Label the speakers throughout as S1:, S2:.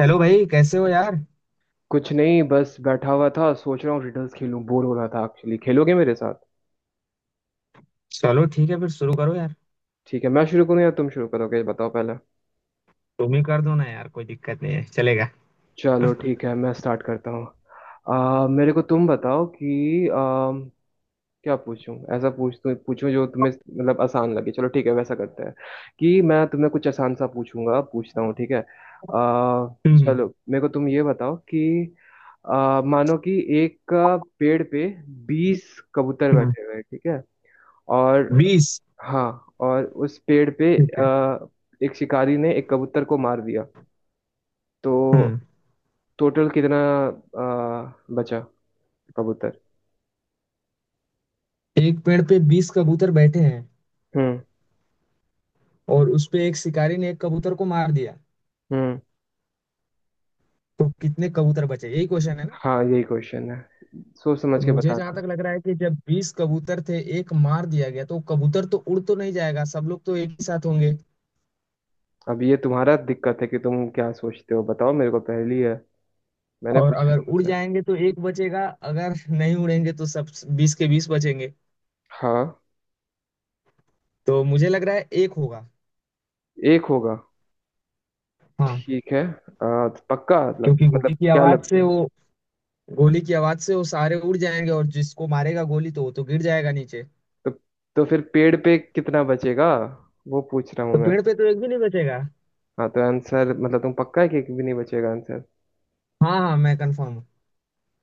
S1: Hello भाई, कैसे हो यार।
S2: कुछ नहीं बस बैठा हुआ था सोच रहा हूँ रिडल्स खेलूं बोर हो रहा था एक्चुअली खेलोगे मेरे साथ।
S1: चलो, ठीक है, फिर शुरू करो यार।
S2: ठीक है मैं शुरू करूँ या तुम शुरू करोगे ये बताओ पहले।
S1: तुम ही कर दो ना यार, कोई दिक्कत नहीं है, चलेगा।
S2: चलो ठीक है मैं स्टार्ट करता हूँ। मेरे को तुम बताओ कि क्या पूछूं ऐसा पूछूं जो तुम्हें मतलब आसान लगे। चलो ठीक है वैसा करते हैं कि मैं तुम्हें कुछ आसान सा पूछूंगा पूछता हूँ ठीक है।
S1: हम्म।
S2: चलो मेरे को तुम ये बताओ कि मानो कि एक पेड़ पे 20 कबूतर
S1: हम्म।
S2: बैठे हुए हैं, ठीक है। और
S1: 20।
S2: हाँ, और उस पेड़ पे
S1: ठीक है।
S2: आ, एक शिकारी ने एक कबूतर को मार दिया। तो
S1: हम्म।
S2: टोटल कितना बचा कबूतर?
S1: एक पेड़ पे 20 कबूतर बैठे हैं,
S2: हम्म।
S1: और उस पे एक शिकारी ने एक कबूतर को मार दिया।
S2: हम्म।
S1: तो कितने कबूतर बचे, यही क्वेश्चन है ना?
S2: हाँ यही क्वेश्चन है। सोच
S1: तो
S2: समझ के
S1: मुझे जहां तक
S2: बताना।
S1: लग रहा है कि जब 20 कबूतर थे एक मार दिया गया, तो कबूतर तो उड़ तो नहीं जाएगा, सब लोग तो एक ही साथ होंगे।
S2: अब ये तुम्हारा दिक्कत है कि तुम क्या सोचते हो, बताओ मेरे को पहेली है। मैंने
S1: और
S2: पूछा
S1: अगर उड़
S2: तुमसे।
S1: जाएंगे तो एक बचेगा, अगर नहीं उड़ेंगे तो सब 20 के 20 बचेंगे।
S2: हाँ
S1: तो मुझे लग रहा है एक होगा।
S2: एक होगा।
S1: हाँ।
S2: ठीक है। तो
S1: क्योंकि
S2: मतलब
S1: गोली की
S2: क्या
S1: आवाज
S2: लगता
S1: से
S2: है?
S1: वो, गोली की आवाज से वो सारे उड़ जाएंगे और जिसको मारेगा गोली तो वो तो गिर जाएगा नीचे।
S2: तो, तो फिर पेड़ पे कितना बचेगा वो पूछ रहा हूँ
S1: तो
S2: मैं।
S1: पेड़ पे तो एक भी नहीं बचेगा।
S2: हाँ तो आंसर, मतलब तुम पक्का है कि एक भी नहीं बचेगा आंसर?
S1: हाँ हाँ, मैं कंफर्म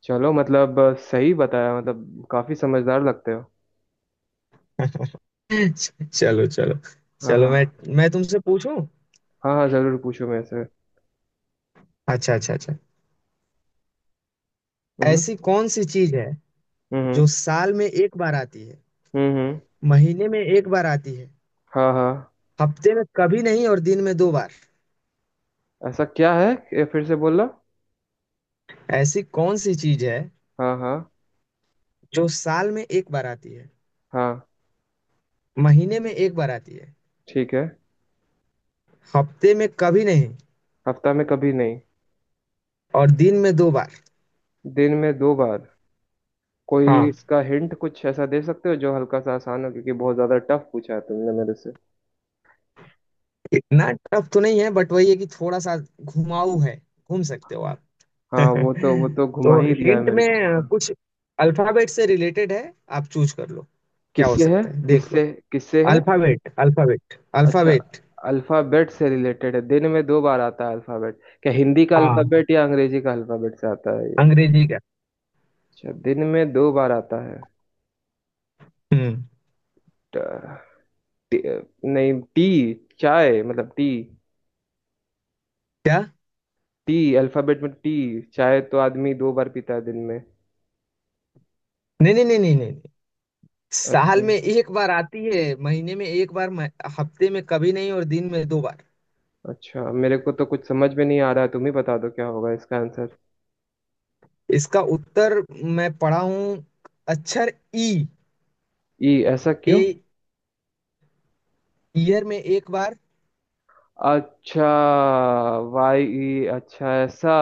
S2: चलो मतलब सही बताया, मतलब काफी समझदार लगते हो।
S1: हूँ। चलो चलो।
S2: हाँ
S1: चलो, मैं
S2: हाँ।
S1: मैं तुमसे पूछूं।
S2: हाँ हाँ जरूर पूछो मेरे से।
S1: अच्छा अच्छा अच्छा।
S2: हम्म।
S1: ऐसी कौन सी चीज है
S2: हम्म। हम्म।
S1: जो साल में एक बार आती है,
S2: हम्म, हम्म।
S1: महीने में एक बार आती है,
S2: हाँ हाँ।
S1: हफ्ते में कभी नहीं और दिन में दो बार?
S2: ऐसा क्या है? ये फिर से बोलना।
S1: ऐसी कौन सी चीज है
S2: हाँ हाँ।
S1: जो साल में एक बार आती है,
S2: हाँ।
S1: महीने में एक बार आती है,
S2: ठीक है।
S1: हफ्ते में कभी नहीं
S2: हफ्ता में कभी नहीं।
S1: और दिन में दो बार?
S2: दिन में दो बार। कोई
S1: हाँ।
S2: इसका हिंट कुछ ऐसा दे सकते हो जो हल्का सा आसान हो, क्योंकि बहुत ज्यादा टफ पूछा है तुमने मेरे से।
S1: इतना टफ तो नहीं है, बट वही है कि थोड़ा सा घुमाऊ है। घूम सकते हो आप।
S2: हाँ वो तो घुमा
S1: तो
S2: ही दिया है
S1: हिंट
S2: मेरे
S1: में
S2: को पूरा।
S1: कुछ अल्फाबेट से रिलेटेड है। आप चूज कर लो, क्या हो
S2: किससे है?
S1: सकता है देख लो।
S2: किससे? किससे है?
S1: अल्फाबेट, अल्फाबेट,
S2: अच्छा।
S1: अल्फाबेट।
S2: अल्फाबेट से रिलेटेड है दिन में दो बार आता है अल्फाबेट, क्या हिंदी का
S1: हाँ,
S2: अल्फाबेट या अंग्रेजी का अल्फाबेट से आता है ये?
S1: अंग्रेजी का।
S2: अच्छा दिन में दो बार आता है।
S1: हम्म।
S2: ट, टी, नहीं टी। चाय मतलब टी।
S1: क्या?
S2: टी अल्फाबेट में टी। चाय तो आदमी दो बार पीता है दिन में।
S1: नहीं नहीं नहीं नहीं नहीं नहीं।
S2: अच्छा।
S1: साल में एक बार आती है, महीने में एक बार हफ्ते में कभी नहीं और दिन में दो बार।
S2: अच्छा मेरे को तो कुछ समझ में नहीं आ रहा है, तुम ही बता दो क्या होगा इसका आंसर।
S1: इसका उत्तर मैं पढ़ा हूँ। अक्षर ई।
S2: ई ऐसा क्यों?
S1: ए। ईयर में एक बार।
S2: अच्छा। वाई ई, अच्छा ऐसा।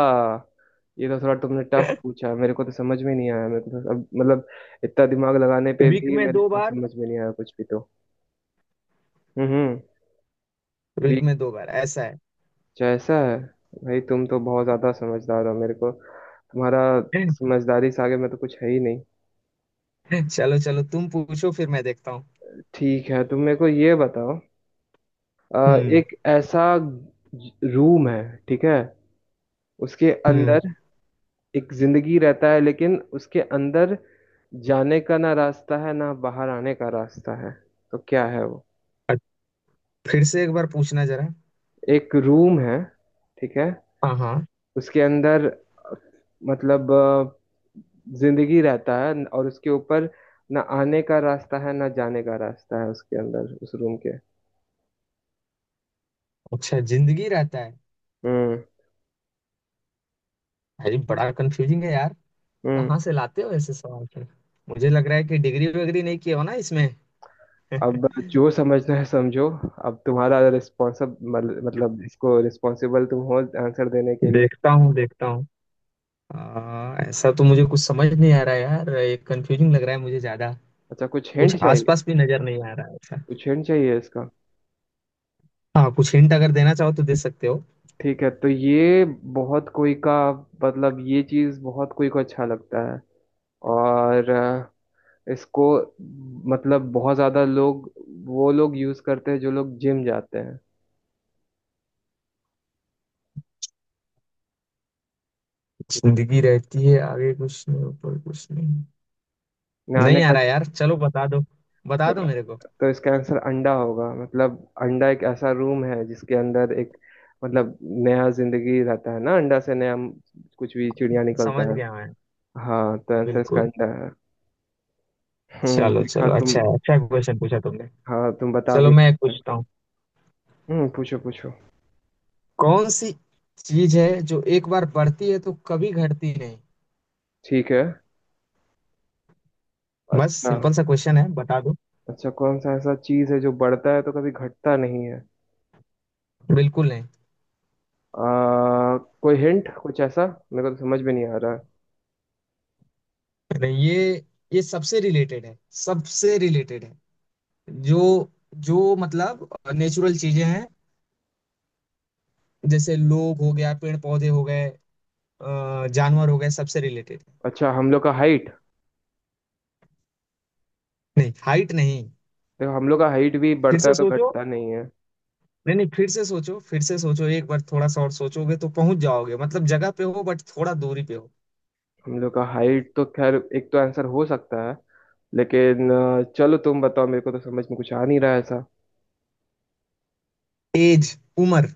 S2: ये तो थोड़ा तुमने टफ पूछा मेरे को, तो समझ में नहीं आया मेरे को, तो अब मतलब इतना दिमाग लगाने पे
S1: वीक
S2: भी
S1: में
S2: मेरे
S1: दो
S2: को
S1: बार।
S2: समझ में नहीं आया कुछ भी तो। हम्म।
S1: Week
S2: week.
S1: में दो बार ऐसा है।
S2: अच्छा ऐसा है। भाई तुम तो बहुत ज्यादा समझदार हो, मेरे को तुम्हारा समझदारी से आगे में तो कुछ है ही नहीं।
S1: चलो चलो, तुम पूछो फिर मैं देखता हूँ।
S2: ठीक है तुम मेरे को ये बताओ। अ,
S1: हम्म।
S2: एक ऐसा रूम है, ठीक है, उसके
S1: हम्म।
S2: अंदर एक जिंदगी रहता है लेकिन उसके अंदर जाने का ना रास्ता है ना बाहर आने का रास्ता है। तो क्या है वो?
S1: अ- फिर से एक बार पूछना जरा।
S2: एक रूम है, ठीक है,
S1: हाँ हाँ।
S2: उसके अंदर मतलब जिंदगी रहता है और उसके ऊपर ना आने का रास्ता है ना जाने का रास्ता है, उसके अंदर उस रूम के।
S1: अच्छा, जिंदगी रहता है।
S2: हम्म।
S1: भाई बड़ा कंफ्यूजिंग है यार।
S2: हम्म।
S1: कहाँ से लाते हो ऐसे सवाल फिर? मुझे लग रहा है कि डिग्री वगैरह नहीं किया हो ना इसमें।
S2: अब जो समझना है समझो, अब तुम्हारा रिस्पॉन्सिब मतलब इसको रिस्पॉन्सिबल तुम हो आंसर देने के लिए।
S1: देखता हूँ देखता हूँ। ऐसा तो मुझे कुछ समझ नहीं आ रहा है यार, ये कंफ्यूजिंग लग रहा है मुझे ज्यादा।
S2: अच्छा कुछ
S1: कुछ
S2: हिंट चाहिए?
S1: आसपास भी नजर नहीं आ रहा है ऐसा।
S2: कुछ हिंट चाहिए इसका?
S1: हाँ, कुछ हिंट अगर देना चाहो तो दे सकते हो।
S2: ठीक है तो ये बहुत कोई का मतलब ये चीज बहुत कोई को अच्छा लगता है, और इसको मतलब बहुत ज्यादा लोग, वो लोग यूज करते हैं जो लोग जिम जाते हैं।
S1: जिंदगी रहती है, आगे कुछ नहीं, ऊपर कुछ नहीं।
S2: नहाने
S1: नहीं आ
S2: का।
S1: रहा यार, चलो बता दो। बता
S2: तो
S1: दो मेरे को।
S2: तो इसका आंसर अंडा होगा, मतलब अंडा एक ऐसा रूम है जिसके अंदर एक मतलब नया जिंदगी रहता है ना, अंडा से नया कुछ भी चिड़िया
S1: समझ
S2: निकलता है।
S1: गया मैं।
S2: हाँ तो आंसर इसका
S1: बिल्कुल।
S2: अंडा है।
S1: चलो
S2: देखा
S1: चलो,
S2: तुम?
S1: अच्छा है, अच्छा क्वेश्चन पूछा तुमने।
S2: हाँ तुम बता भी
S1: चलो
S2: नहीं
S1: मैं एक
S2: पाए।
S1: पूछता हूँ।
S2: पूछो पूछो।
S1: कौन सी चीज है जो एक बार बढ़ती है तो कभी घटती नहीं?
S2: ठीक है।
S1: बस
S2: अच्छा।
S1: सिंपल सा क्वेश्चन है, बता दो।
S2: अच्छा कौन सा ऐसा चीज है जो बढ़ता है तो कभी घटता नहीं है?
S1: बिल्कुल नहीं।
S2: कोई हिंट कुछ ऐसा, मेरे को तो समझ में नहीं आ रहा है।
S1: अरे ये सबसे रिलेटेड है, सबसे रिलेटेड है। जो, जो मतलब नेचुरल चीजें हैं, जैसे लोग हो गया, पेड़ पौधे हो गए, जानवर हो गए, सबसे रिलेटेड।
S2: अच्छा हम लोग का हाइट।
S1: नहीं, हाइट नहीं।
S2: देखो हम लोग का हाइट भी
S1: फिर
S2: बढ़ता
S1: से
S2: है तो
S1: सोचो।
S2: घटता नहीं है।
S1: नहीं नहीं, फिर से सोचो, फिर से सोचो, एक बार थोड़ा सा और सोचोगे तो पहुंच जाओगे, मतलब जगह पे हो बट थोड़ा दूरी पे हो।
S2: हम लोग का हाइट तो खैर एक तो आंसर हो सकता है, लेकिन चलो तुम बताओ, मेरे को तो समझ में कुछ आ नहीं रहा है ऐसा।
S1: एज, उम्र।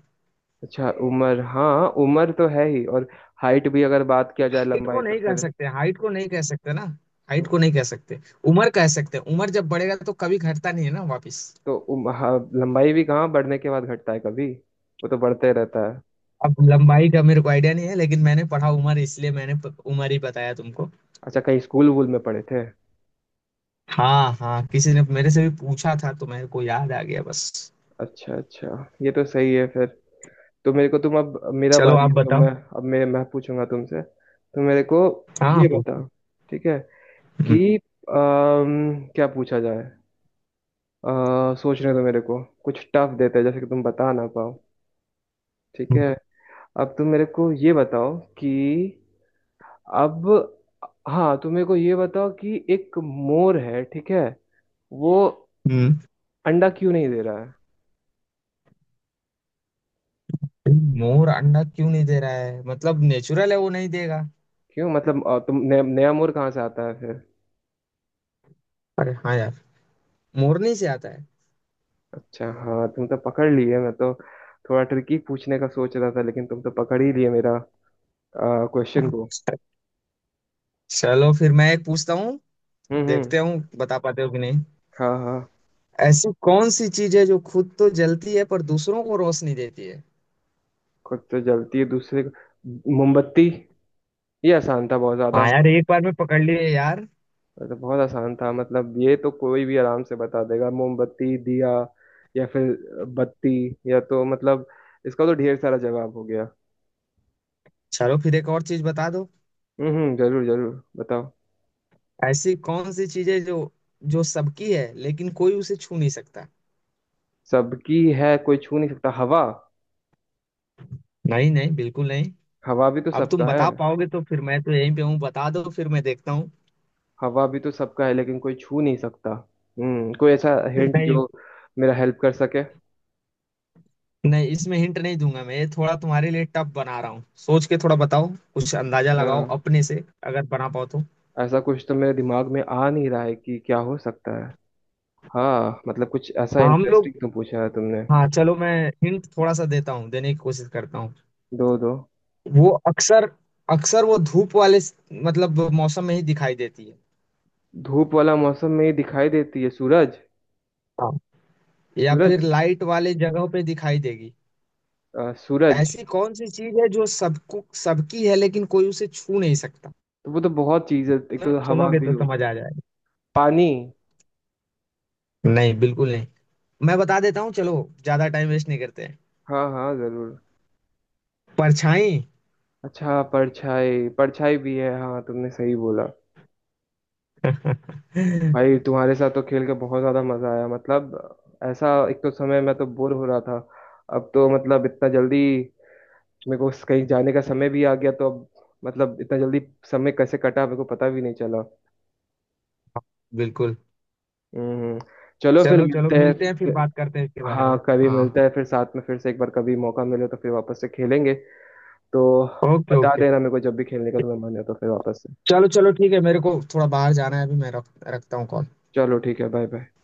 S2: अच्छा उम्र, हाँ उम्र तो है ही और हाइट भी, अगर बात किया जाए
S1: हाइट को
S2: लंबाई तो
S1: नहीं कह
S2: फिर।
S1: सकते, हाइट को नहीं कह सकते ना, हाइट
S2: तो,
S1: को नहीं कह सकते। उम्र कह सकते हैं। उम्र जब बढ़ेगा तो कभी घटता नहीं है ना वापस।
S2: तो हाँ, लंबाई भी कहाँ बढ़ने के बाद घटता है कभी, वो तो बढ़ते रहता है।
S1: अब लंबाई का मेरे को आइडिया नहीं है, लेकिन मैंने पढ़ा उम्र, इसलिए मैंने उम्र ही बताया तुमको।
S2: अच्छा कहीं स्कूल वूल में पढ़े थे?
S1: हाँ हाँ, किसी ने मेरे से भी पूछा था तो मेरे को याद आ गया बस।
S2: अच्छा अच्छा, ये तो सही है फिर। तो मेरे को तुम, अब मेरा
S1: चलो
S2: बारी
S1: आप
S2: है तो
S1: बताओ।
S2: मैं। अब मैं पूछूंगा तुमसे तो मेरे को ये
S1: हाँ, पूछो।
S2: बताओ, ठीक है,
S1: हम्म।
S2: कि क्या पूछा जाए। सोचने दो मेरे को, कुछ टफ देते हैं जैसे कि तुम बता ना पाओ, ठीक
S1: हम्म।
S2: है। अब तुम मेरे को ये बताओ कि अब हाँ, तुम मेरे को ये बताओ कि एक मोर है, ठीक है, वो अंडा क्यों नहीं दे रहा?
S1: हम्म। मोर अंडा क्यों नहीं दे रहा है मतलब, नेचुरल है वो नहीं देगा।
S2: क्यों मतलब तुम नया नया मोड़ कहाँ से आता है फिर?
S1: अरे हाँ यार, मोरनी से आता है।
S2: अच्छा हाँ, तुम तो पकड़ लिए, मैं तो थोड़ा ट्रिकी पूछने का सोच रहा था लेकिन तुम तो पकड़ ही लिए मेरा क्वेश्चन
S1: हाँ।
S2: को।
S1: चलो फिर मैं एक पूछता हूँ।
S2: हम्म।
S1: देखते हूँ बता पाते हो कि नहीं।
S2: हाँ हाँ।
S1: ऐसी कौन सी चीज है जो खुद तो जलती है पर दूसरों को रोशनी देती है?
S2: खुद तो जलती है दूसरे को, मोमबत्ती। ये आसान था बहुत ज्यादा।
S1: हाँ यार, एक बार में पकड़ लिए यार।
S2: ये तो बहुत आसान था, मतलब ये तो कोई भी आराम से बता देगा, मोमबत्ती, दिया, या फिर बत्ती, या तो मतलब इसका तो ढेर सारा जवाब हो गया।
S1: चलो फिर एक और चीज बता दो।
S2: जरूर जरूर बताओ।
S1: ऐसी कौन सी चीज है जो जो सबकी है लेकिन कोई उसे छू नहीं सकता?
S2: सबकी है कोई छू नहीं सकता, हवा?
S1: नहीं नहीं, बिल्कुल नहीं।
S2: हवा भी तो
S1: अब तुम
S2: सबका है।
S1: बता पाओगे तो, फिर मैं तो यहीं पे हूँ, बता दो फिर मैं देखता हूँ।
S2: हवा भी तो सबका है लेकिन कोई छू नहीं सकता। हम्म, कोई ऐसा हिंट
S1: नहीं।
S2: जो मेरा हेल्प कर सके?
S1: नहीं इसमें हिंट नहीं दूंगा मैं, ये थोड़ा तुम्हारे लिए टफ बना रहा हूँ, सोच के थोड़ा बताओ, कुछ अंदाजा
S2: अच्छा,
S1: लगाओ अपने से, अगर बना पाओ तो।
S2: ऐसा कुछ तो मेरे दिमाग में आ नहीं रहा है कि क्या हो सकता है। हाँ मतलब कुछ ऐसा
S1: हाँ, हम लोग।
S2: इंटरेस्टिंग तो पूछा है तुमने।
S1: हाँ, चलो मैं हिंट थोड़ा सा देता हूँ, देने की कोशिश करता हूँ।
S2: दो दो।
S1: वो अक्सर अक्सर वो धूप वाले मतलब मौसम में ही दिखाई देती है।
S2: धूप वाला मौसम में ही दिखाई देती है, सूरज?
S1: हाँ, या फिर
S2: सूरज।
S1: लाइट वाले जगहों पे दिखाई देगी।
S2: सूरज।
S1: ऐसी कौन सी चीज है जो सबको सबकी है लेकिन कोई उसे छू नहीं सकता?
S2: तो वो तो बहुत चीज है, एक तो हवा
S1: सुनोगे
S2: भी
S1: तो
S2: होगी,
S1: समझ आ जाएगा।
S2: पानी।
S1: नहीं, बिल्कुल नहीं। मैं बता देता हूँ, चलो ज्यादा टाइम वेस्ट नहीं करते हैं।
S2: हाँ हाँ जरूर।
S1: परछाई।
S2: अच्छा परछाई, परछाई भी है, हाँ तुमने सही बोला। भाई तुम्हारे साथ तो खेल के बहुत ज्यादा मजा आया, मतलब ऐसा, एक तो समय मैं तो बोर हो रहा था, अब तो मतलब इतना जल्दी मेरे को कहीं जाने का समय भी आ गया, तो अब मतलब इतना जल्दी समय कैसे कटा मेरे को पता भी नहीं चला।
S1: बिल्कुल।
S2: हम्म। चलो फिर
S1: चलो चलो
S2: मिलते हैं।
S1: मिलते हैं, फिर
S2: फिर-
S1: बात करते हैं इसके बारे में।
S2: हाँ कभी मिलते
S1: हाँ।
S2: हैं फिर, साथ में फिर से एक बार कभी मौका मिले तो फिर वापस से खेलेंगे। तो
S1: ओके
S2: बता
S1: ओके।
S2: देना मेरे को जब भी खेलने का तुम्हें मन है तो फिर वापस से।
S1: चलो चलो ठीक है, मेरे को थोड़ा बाहर जाना है अभी, मैं रखता हूँ कॉल।
S2: चलो ठीक है, बाय बाय।